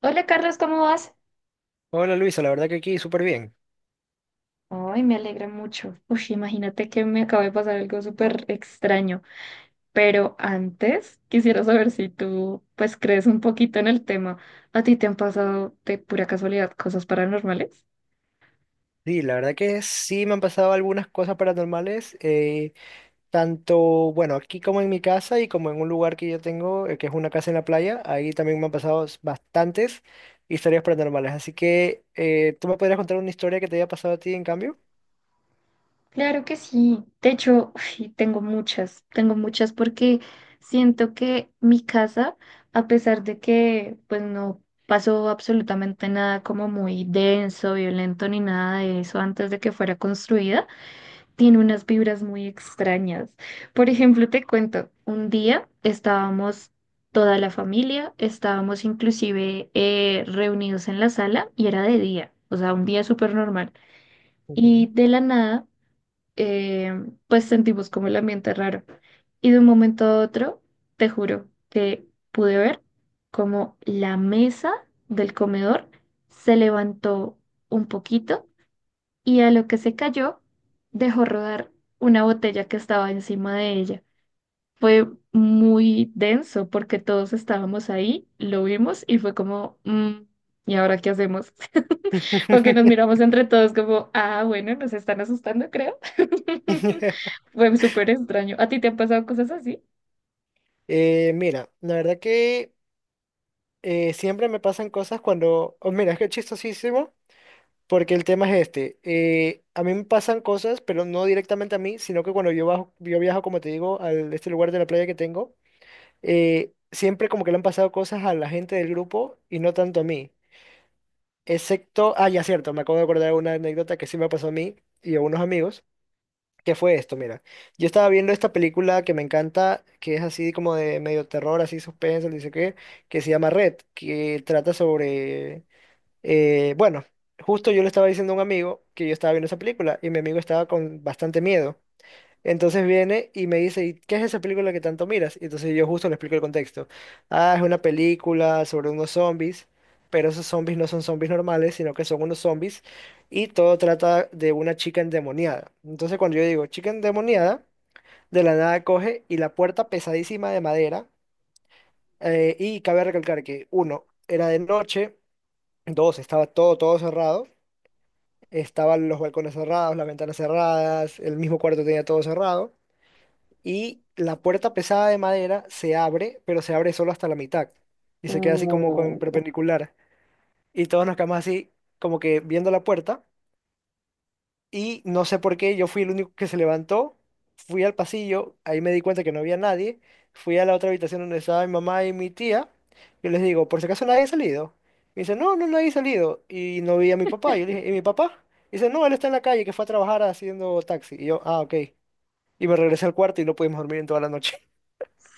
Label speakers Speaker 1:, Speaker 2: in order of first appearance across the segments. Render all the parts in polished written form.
Speaker 1: Hola Carlos, ¿cómo vas?
Speaker 2: Hola Luisa, la verdad que aquí súper bien.
Speaker 1: Ay, me alegra mucho. Uy, imagínate que me acaba de pasar algo súper extraño, pero antes quisiera saber si tú pues crees un poquito en el tema. ¿A ti te han pasado de pura casualidad cosas paranormales?
Speaker 2: Sí, la verdad que sí me han pasado algunas cosas paranormales, tanto, bueno, aquí como en mi casa y como en un lugar que yo tengo, que es una casa en la playa, ahí también me han pasado bastantes historias paranormales. Así que, ¿tú me podrías contar una historia que te haya pasado a ti en cambio?
Speaker 1: Claro que sí. De hecho, uy, tengo muchas porque siento que mi casa, a pesar de que pues no pasó absolutamente nada como muy denso, violento ni nada de eso antes de que fuera construida, tiene unas vibras muy extrañas. Por ejemplo, te cuento, un día estábamos toda la familia, estábamos inclusive reunidos en la sala y era de día, o sea, un día súper normal. Y
Speaker 2: Ujú.
Speaker 1: de la nada, eh, pues sentimos como el ambiente raro. Y de un momento a otro, te juro que pude ver como la mesa del comedor se levantó un poquito y a lo que se cayó dejó rodar una botella que estaba encima de ella. Fue muy denso porque todos estábamos ahí, lo vimos y fue como, "Mm, ¿y ahora qué hacemos?" O que nos miramos entre todos como, ah, bueno, nos están asustando, creo. Fue súper extraño. ¿A ti te han pasado cosas así?
Speaker 2: Mira, la verdad que siempre me pasan cosas cuando, oh, mira, es que es chistosísimo. Porque el tema es este, a mí me pasan cosas, pero no directamente a mí, sino que cuando yo, bajo, yo viajo, como te digo, a este lugar de la playa que tengo, siempre como que le han pasado cosas a la gente del grupo y no tanto a mí. Excepto, ah, ya cierto, me acabo de acordar de una anécdota que sí me pasó a mí y a unos amigos, que fue esto, mira. Yo estaba viendo esta película que me encanta, que es así como de medio terror, así suspenso, que se llama Red, que trata sobre bueno, justo yo le estaba diciendo a un amigo que yo estaba viendo esa película y mi amigo estaba con bastante miedo. Entonces viene y me dice, ¿y qué es esa película que tanto miras? Y entonces yo justo le explico el contexto. Ah, es una película sobre unos zombies, pero esos zombies no son zombies normales, sino que son unos zombies y todo trata de una chica endemoniada. Entonces cuando yo digo chica endemoniada, de la nada coge y la puerta pesadísima de madera, y cabe recalcar que uno, era de noche, dos, estaba todo cerrado. Estaban los balcones cerrados, las ventanas cerradas, el mismo cuarto tenía todo cerrado y la puerta pesada de madera se abre, pero se abre solo hasta la mitad y se queda así como con
Speaker 1: Oh.
Speaker 2: perpendicular y todos nos quedamos así como que viendo la puerta y no sé por qué, yo fui el único que se levantó, fui al pasillo, ahí me di cuenta que no había nadie, fui a la otra habitación donde estaba mi mamá y mi tía, yo les digo, por si acaso nadie ha salido. Me dice, no, no, nadie ha salido. Y no vi a mi papá, yo le dije, ¿y mi papá? Dice, no, él está en la calle, que fue a trabajar haciendo taxi. Y yo, ah, ok. Y me regresé al cuarto y no pudimos dormir en toda la noche.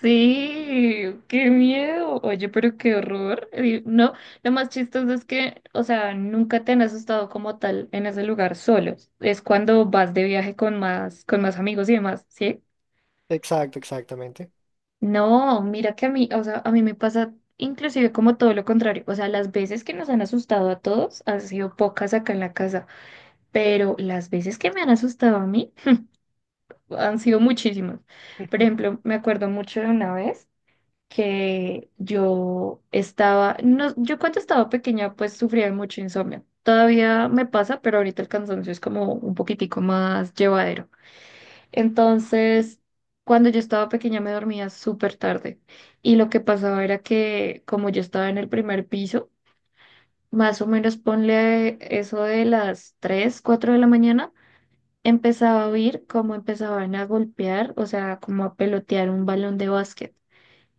Speaker 1: Sí, qué miedo. Oye, pero qué horror. No, lo más chistoso es que, o sea, nunca te han asustado como tal en ese lugar solos. Es cuando vas de viaje con más amigos y demás, ¿sí?
Speaker 2: Exacto, exactamente.
Speaker 1: No, mira que a mí, o sea, a mí me pasa inclusive como todo lo contrario. O sea, las veces que nos han asustado a todos han sido pocas acá en la casa, pero las veces que me han asustado a mí han sido muchísimas. Por ejemplo, me acuerdo mucho de una vez que yo estaba, no, yo cuando estaba pequeña pues sufría de mucho insomnio. Todavía me pasa, pero ahorita el cansancio es como un poquitico más llevadero. Entonces, cuando yo estaba pequeña me dormía súper tarde y lo que pasaba era que como yo estaba en el primer piso, más o menos ponle eso de las 3 4 de la mañana, empezaba a oír cómo empezaban a golpear, o sea, como a pelotear un balón de básquet.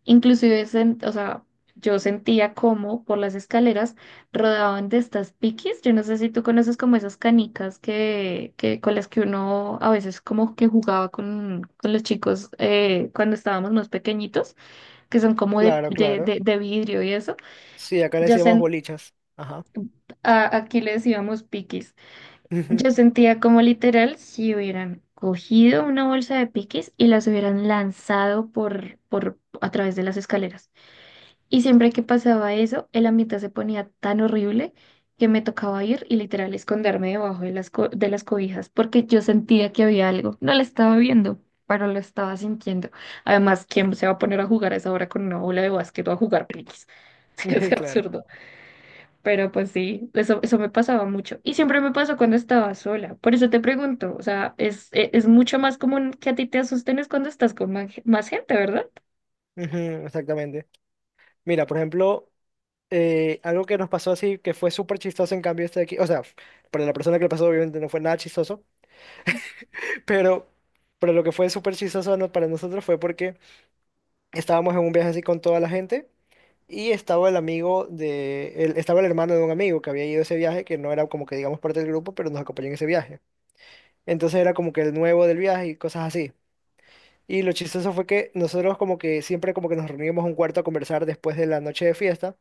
Speaker 1: Inclusive, o sea, yo sentía como por las escaleras rodaban de estas piquis. Yo no sé si tú conoces como esas canicas que con las que uno a veces como que jugaba con los chicos cuando estábamos más pequeñitos, que son como de,
Speaker 2: Claro,
Speaker 1: de, de,
Speaker 2: claro.
Speaker 1: de vidrio y eso.
Speaker 2: Sí, acá le
Speaker 1: Yo
Speaker 2: decíamos
Speaker 1: sent,
Speaker 2: bolichas. Ajá.
Speaker 1: Aquí le decíamos piquis. Yo sentía como literal si hubieran cogido una bolsa de piquis y las hubieran lanzado por a través de las escaleras. Y siempre que pasaba eso, el ambiente se ponía tan horrible que me tocaba ir y literal esconderme debajo de de las cobijas porque yo sentía que había algo. No lo estaba viendo, pero lo estaba sintiendo. Además, ¿quién se va a poner a jugar a esa hora con una bola de básquet o a jugar piquis? Es
Speaker 2: Claro.
Speaker 1: absurdo. Pero pues sí, eso me pasaba mucho. Y siempre me pasó cuando estaba sola. Por eso te pregunto, o sea, es mucho más común que a ti te asusten es cuando estás con más gente, ¿verdad?
Speaker 2: Ujú, exactamente. Mira, por ejemplo... algo que nos pasó así, que fue súper chistoso, en cambio, este de aquí, o sea, para la persona que le pasó, obviamente no fue nada chistoso, pero, pero lo que fue súper chistoso para nosotros fue porque estábamos en un viaje así con toda la gente y estaba el amigo de, el- estaba el hermano de un amigo que había ido a ese viaje, que no era como que digamos parte del grupo, pero nos acompañó en ese viaje. Entonces era como que el nuevo del viaje y cosas así. Y lo chistoso fue que nosotros como que siempre como que nos reuníamos en un cuarto a conversar después de la noche de fiesta.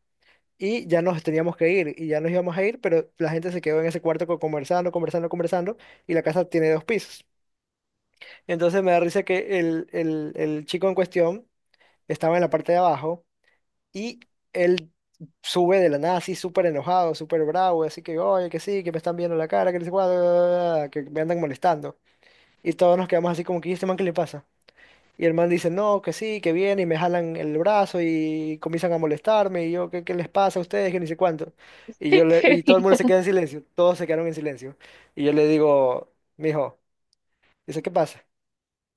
Speaker 2: Y ya nos teníamos que ir y ya nos íbamos a ir, pero la gente se quedó en ese cuarto conversando, conversando, conversando y la casa tiene dos pisos. Entonces me da risa que el chico en cuestión estaba en la parte de abajo y él sube de la nada así súper enojado, súper bravo, así que, oye, que sí, que me están viendo la cara, que no sé cuál, que me andan molestando. Y todos nos quedamos así como que, ¿y este man qué le pasa? Y el man dice, no, que sí, que viene, y me jalan el brazo y comienzan a molestarme, y yo, ¿qué, qué les pasa a ustedes? Que ni sé cuánto. Y yo le,
Speaker 1: Que-
Speaker 2: y todo el mundo se queda en silencio, todos se quedaron en silencio. Y yo le digo, mijo, dice, ¿qué pasa?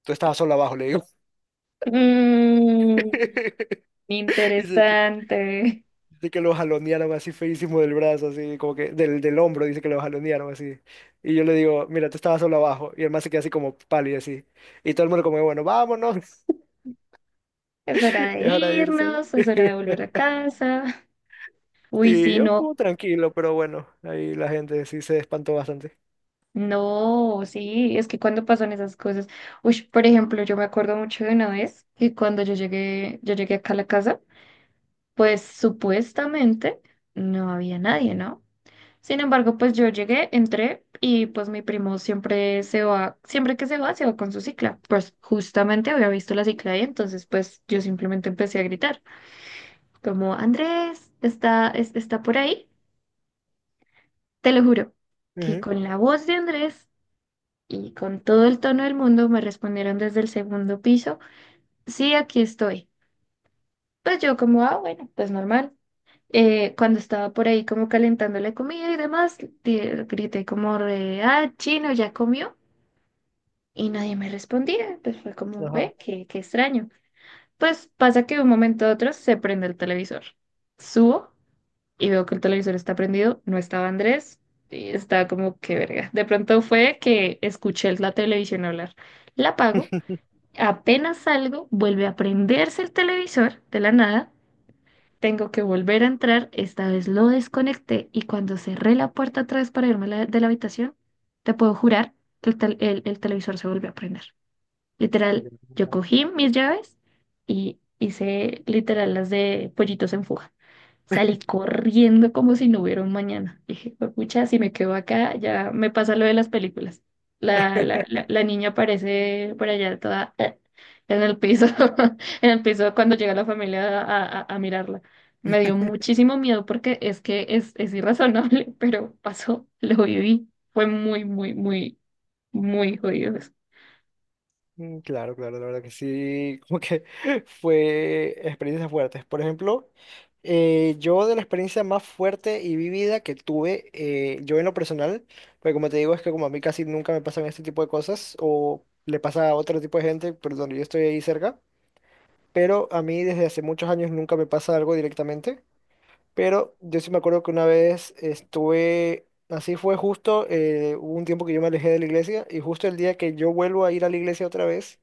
Speaker 2: Tú estabas solo abajo, le digo.
Speaker 1: Mm.
Speaker 2: Dice que,
Speaker 1: Interesante.
Speaker 2: dice que lo jalonearon así feísimo del brazo, así, como que del hombro, dice que lo jalonearon así. Y yo le digo, mira, tú estabas solo abajo. Y el man se queda así como pálido, así. Y todo el mundo como, bueno, vámonos,
Speaker 1: Es hora de
Speaker 2: y es hora de irse.
Speaker 1: irnos, es hora de volver a casa. Uy,
Speaker 2: Sí,
Speaker 1: sí,
Speaker 2: yo
Speaker 1: no,
Speaker 2: como tranquilo, pero bueno, ahí la gente sí se espantó bastante.
Speaker 1: no, sí, es que cuando pasan esas cosas. Uy, por ejemplo, yo me acuerdo mucho de una vez que cuando yo llegué acá a la casa, pues supuestamente no había nadie, ¿no? Sin embargo, pues yo llegué, entré y pues mi primo siempre se va, siempre que se va con su cicla. Pues justamente había visto la cicla ahí, entonces pues yo simplemente empecé a gritar, como, Andrés está, está por ahí, te lo juro, que
Speaker 2: Ujú,
Speaker 1: con la voz de Andrés y con todo el tono del mundo me respondieron desde el segundo piso, sí, aquí estoy. Pues yo como, ah, bueno, pues normal. Cuando estaba por ahí como calentando la comida y demás, di- grité como, chino, ¿ya comió? Y nadie me respondía, pues fue como,
Speaker 2: ajá.
Speaker 1: ve, qué extraño. Pues pasa que de un momento a otro se prende el televisor. Subo y veo que el televisor está prendido, no estaba Andrés, y estaba como que verga. De pronto fue que escuché la televisión hablar. La apago, apenas salgo, vuelve a prenderse el televisor de la nada. Tengo que volver a entrar, esta vez lo desconecté y cuando cerré la puerta atrás para irme a de la habitación, te puedo jurar que el televisor se volvió a prender. Literal,
Speaker 2: Ya,
Speaker 1: yo
Speaker 2: ya.
Speaker 1: cogí mis llaves y hice literal las de pollitos en fuga. Salí corriendo como si no hubiera un mañana. Dije, pucha, si me quedo acá, ya me pasa lo de las películas. La niña aparece por allá toda en el piso, en el piso cuando llega la familia a mirarla. Me dio muchísimo miedo porque es que es irrazonable, pero pasó, lo viví. Fue muy, muy, muy, muy jodido eso.
Speaker 2: Mm, claro, claro, la verdad que sí, como que fue experiencias fuertes. Por ejemplo, yo de la experiencia más fuerte y vivida que tuve, yo en lo personal, porque como te digo, es que como a mí casi nunca me pasan este tipo de cosas, o le pasa a otro tipo de gente, pero donde yo estoy ahí cerca, pero a mí desde hace muchos años nunca me pasa algo directamente. Pero yo sí me acuerdo que una vez estuve, así fue justo, hubo un tiempo que yo me alejé de la iglesia y justo el día que yo vuelvo a ir a la iglesia otra vez,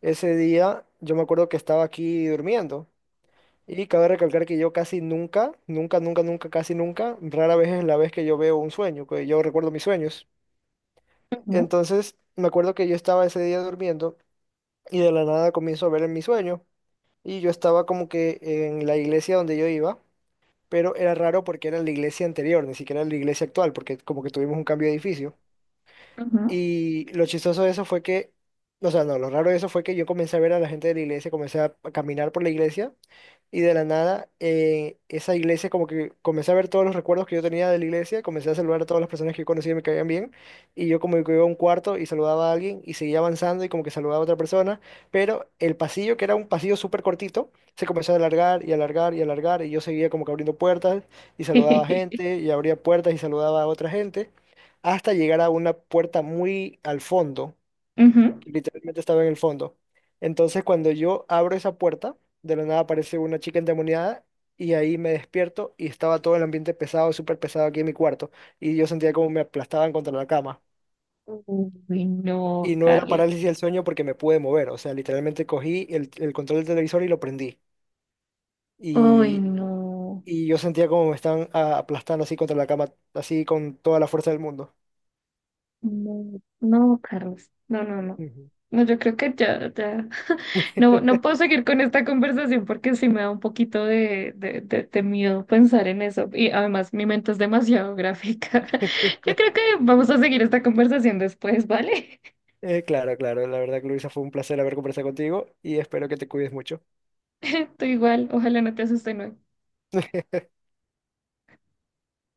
Speaker 2: ese día yo me acuerdo que estaba aquí durmiendo. Y cabe recalcar que yo casi nunca, nunca, nunca, nunca, casi nunca, rara vez es la vez que yo veo un sueño, que yo recuerdo mis sueños.
Speaker 1: Ujú,
Speaker 2: Entonces me acuerdo que yo estaba ese día durmiendo y de la nada comienzo a ver en mi sueño y yo estaba como que en la iglesia donde yo iba. Pero era raro porque era la iglesia anterior, ni siquiera era la iglesia actual, porque como que tuvimos un cambio de edificio.
Speaker 1: ujú.
Speaker 2: Y lo chistoso de eso fue que, o sea, no, lo raro de eso fue que yo comencé a ver a la gente de la iglesia, comencé a caminar por la iglesia y de la nada esa iglesia como que comencé a ver todos los recuerdos que yo tenía de la iglesia, comencé a saludar a todas las personas que yo conocía y me caían bien y yo como que iba a un cuarto y saludaba a alguien y seguía avanzando y como que saludaba a otra persona, pero el pasillo que era un pasillo súper cortito se comenzó a alargar y alargar y alargar y yo seguía como que abriendo puertas y saludaba a gente y abría puertas y saludaba a otra gente hasta llegar a una puerta muy al fondo,
Speaker 1: Ujú.
Speaker 2: que literalmente estaba en el fondo. Entonces cuando yo abro esa puerta, de la nada aparece una chica endemoniada y ahí me despierto y estaba todo el ambiente pesado, súper pesado aquí en mi cuarto y yo sentía como me aplastaban contra la cama.
Speaker 1: Uy, no,
Speaker 2: Y no era
Speaker 1: Carlos.
Speaker 2: parálisis del sueño porque me pude mover, o sea, literalmente cogí el control del televisor y lo prendí.
Speaker 1: Uy,
Speaker 2: Y,
Speaker 1: no,
Speaker 2: y yo sentía como me estaban aplastando así contra la cama, así con toda la fuerza del mundo.
Speaker 1: no, no, Carlos, no, no, no.
Speaker 2: Ujú.
Speaker 1: No, yo creo que ya, ya. No, no puedo seguir con esta conversación porque sí me da un poquito de miedo pensar en eso. Y además mi mente es demasiado gráfica. Yo creo que vamos a seguir esta conversación después, ¿vale?
Speaker 2: Claro, claro. La verdad, Luisa, fue un placer haber conversado contigo y espero que te cuides mucho.
Speaker 1: Tú igual, ojalá no te asusten hoy.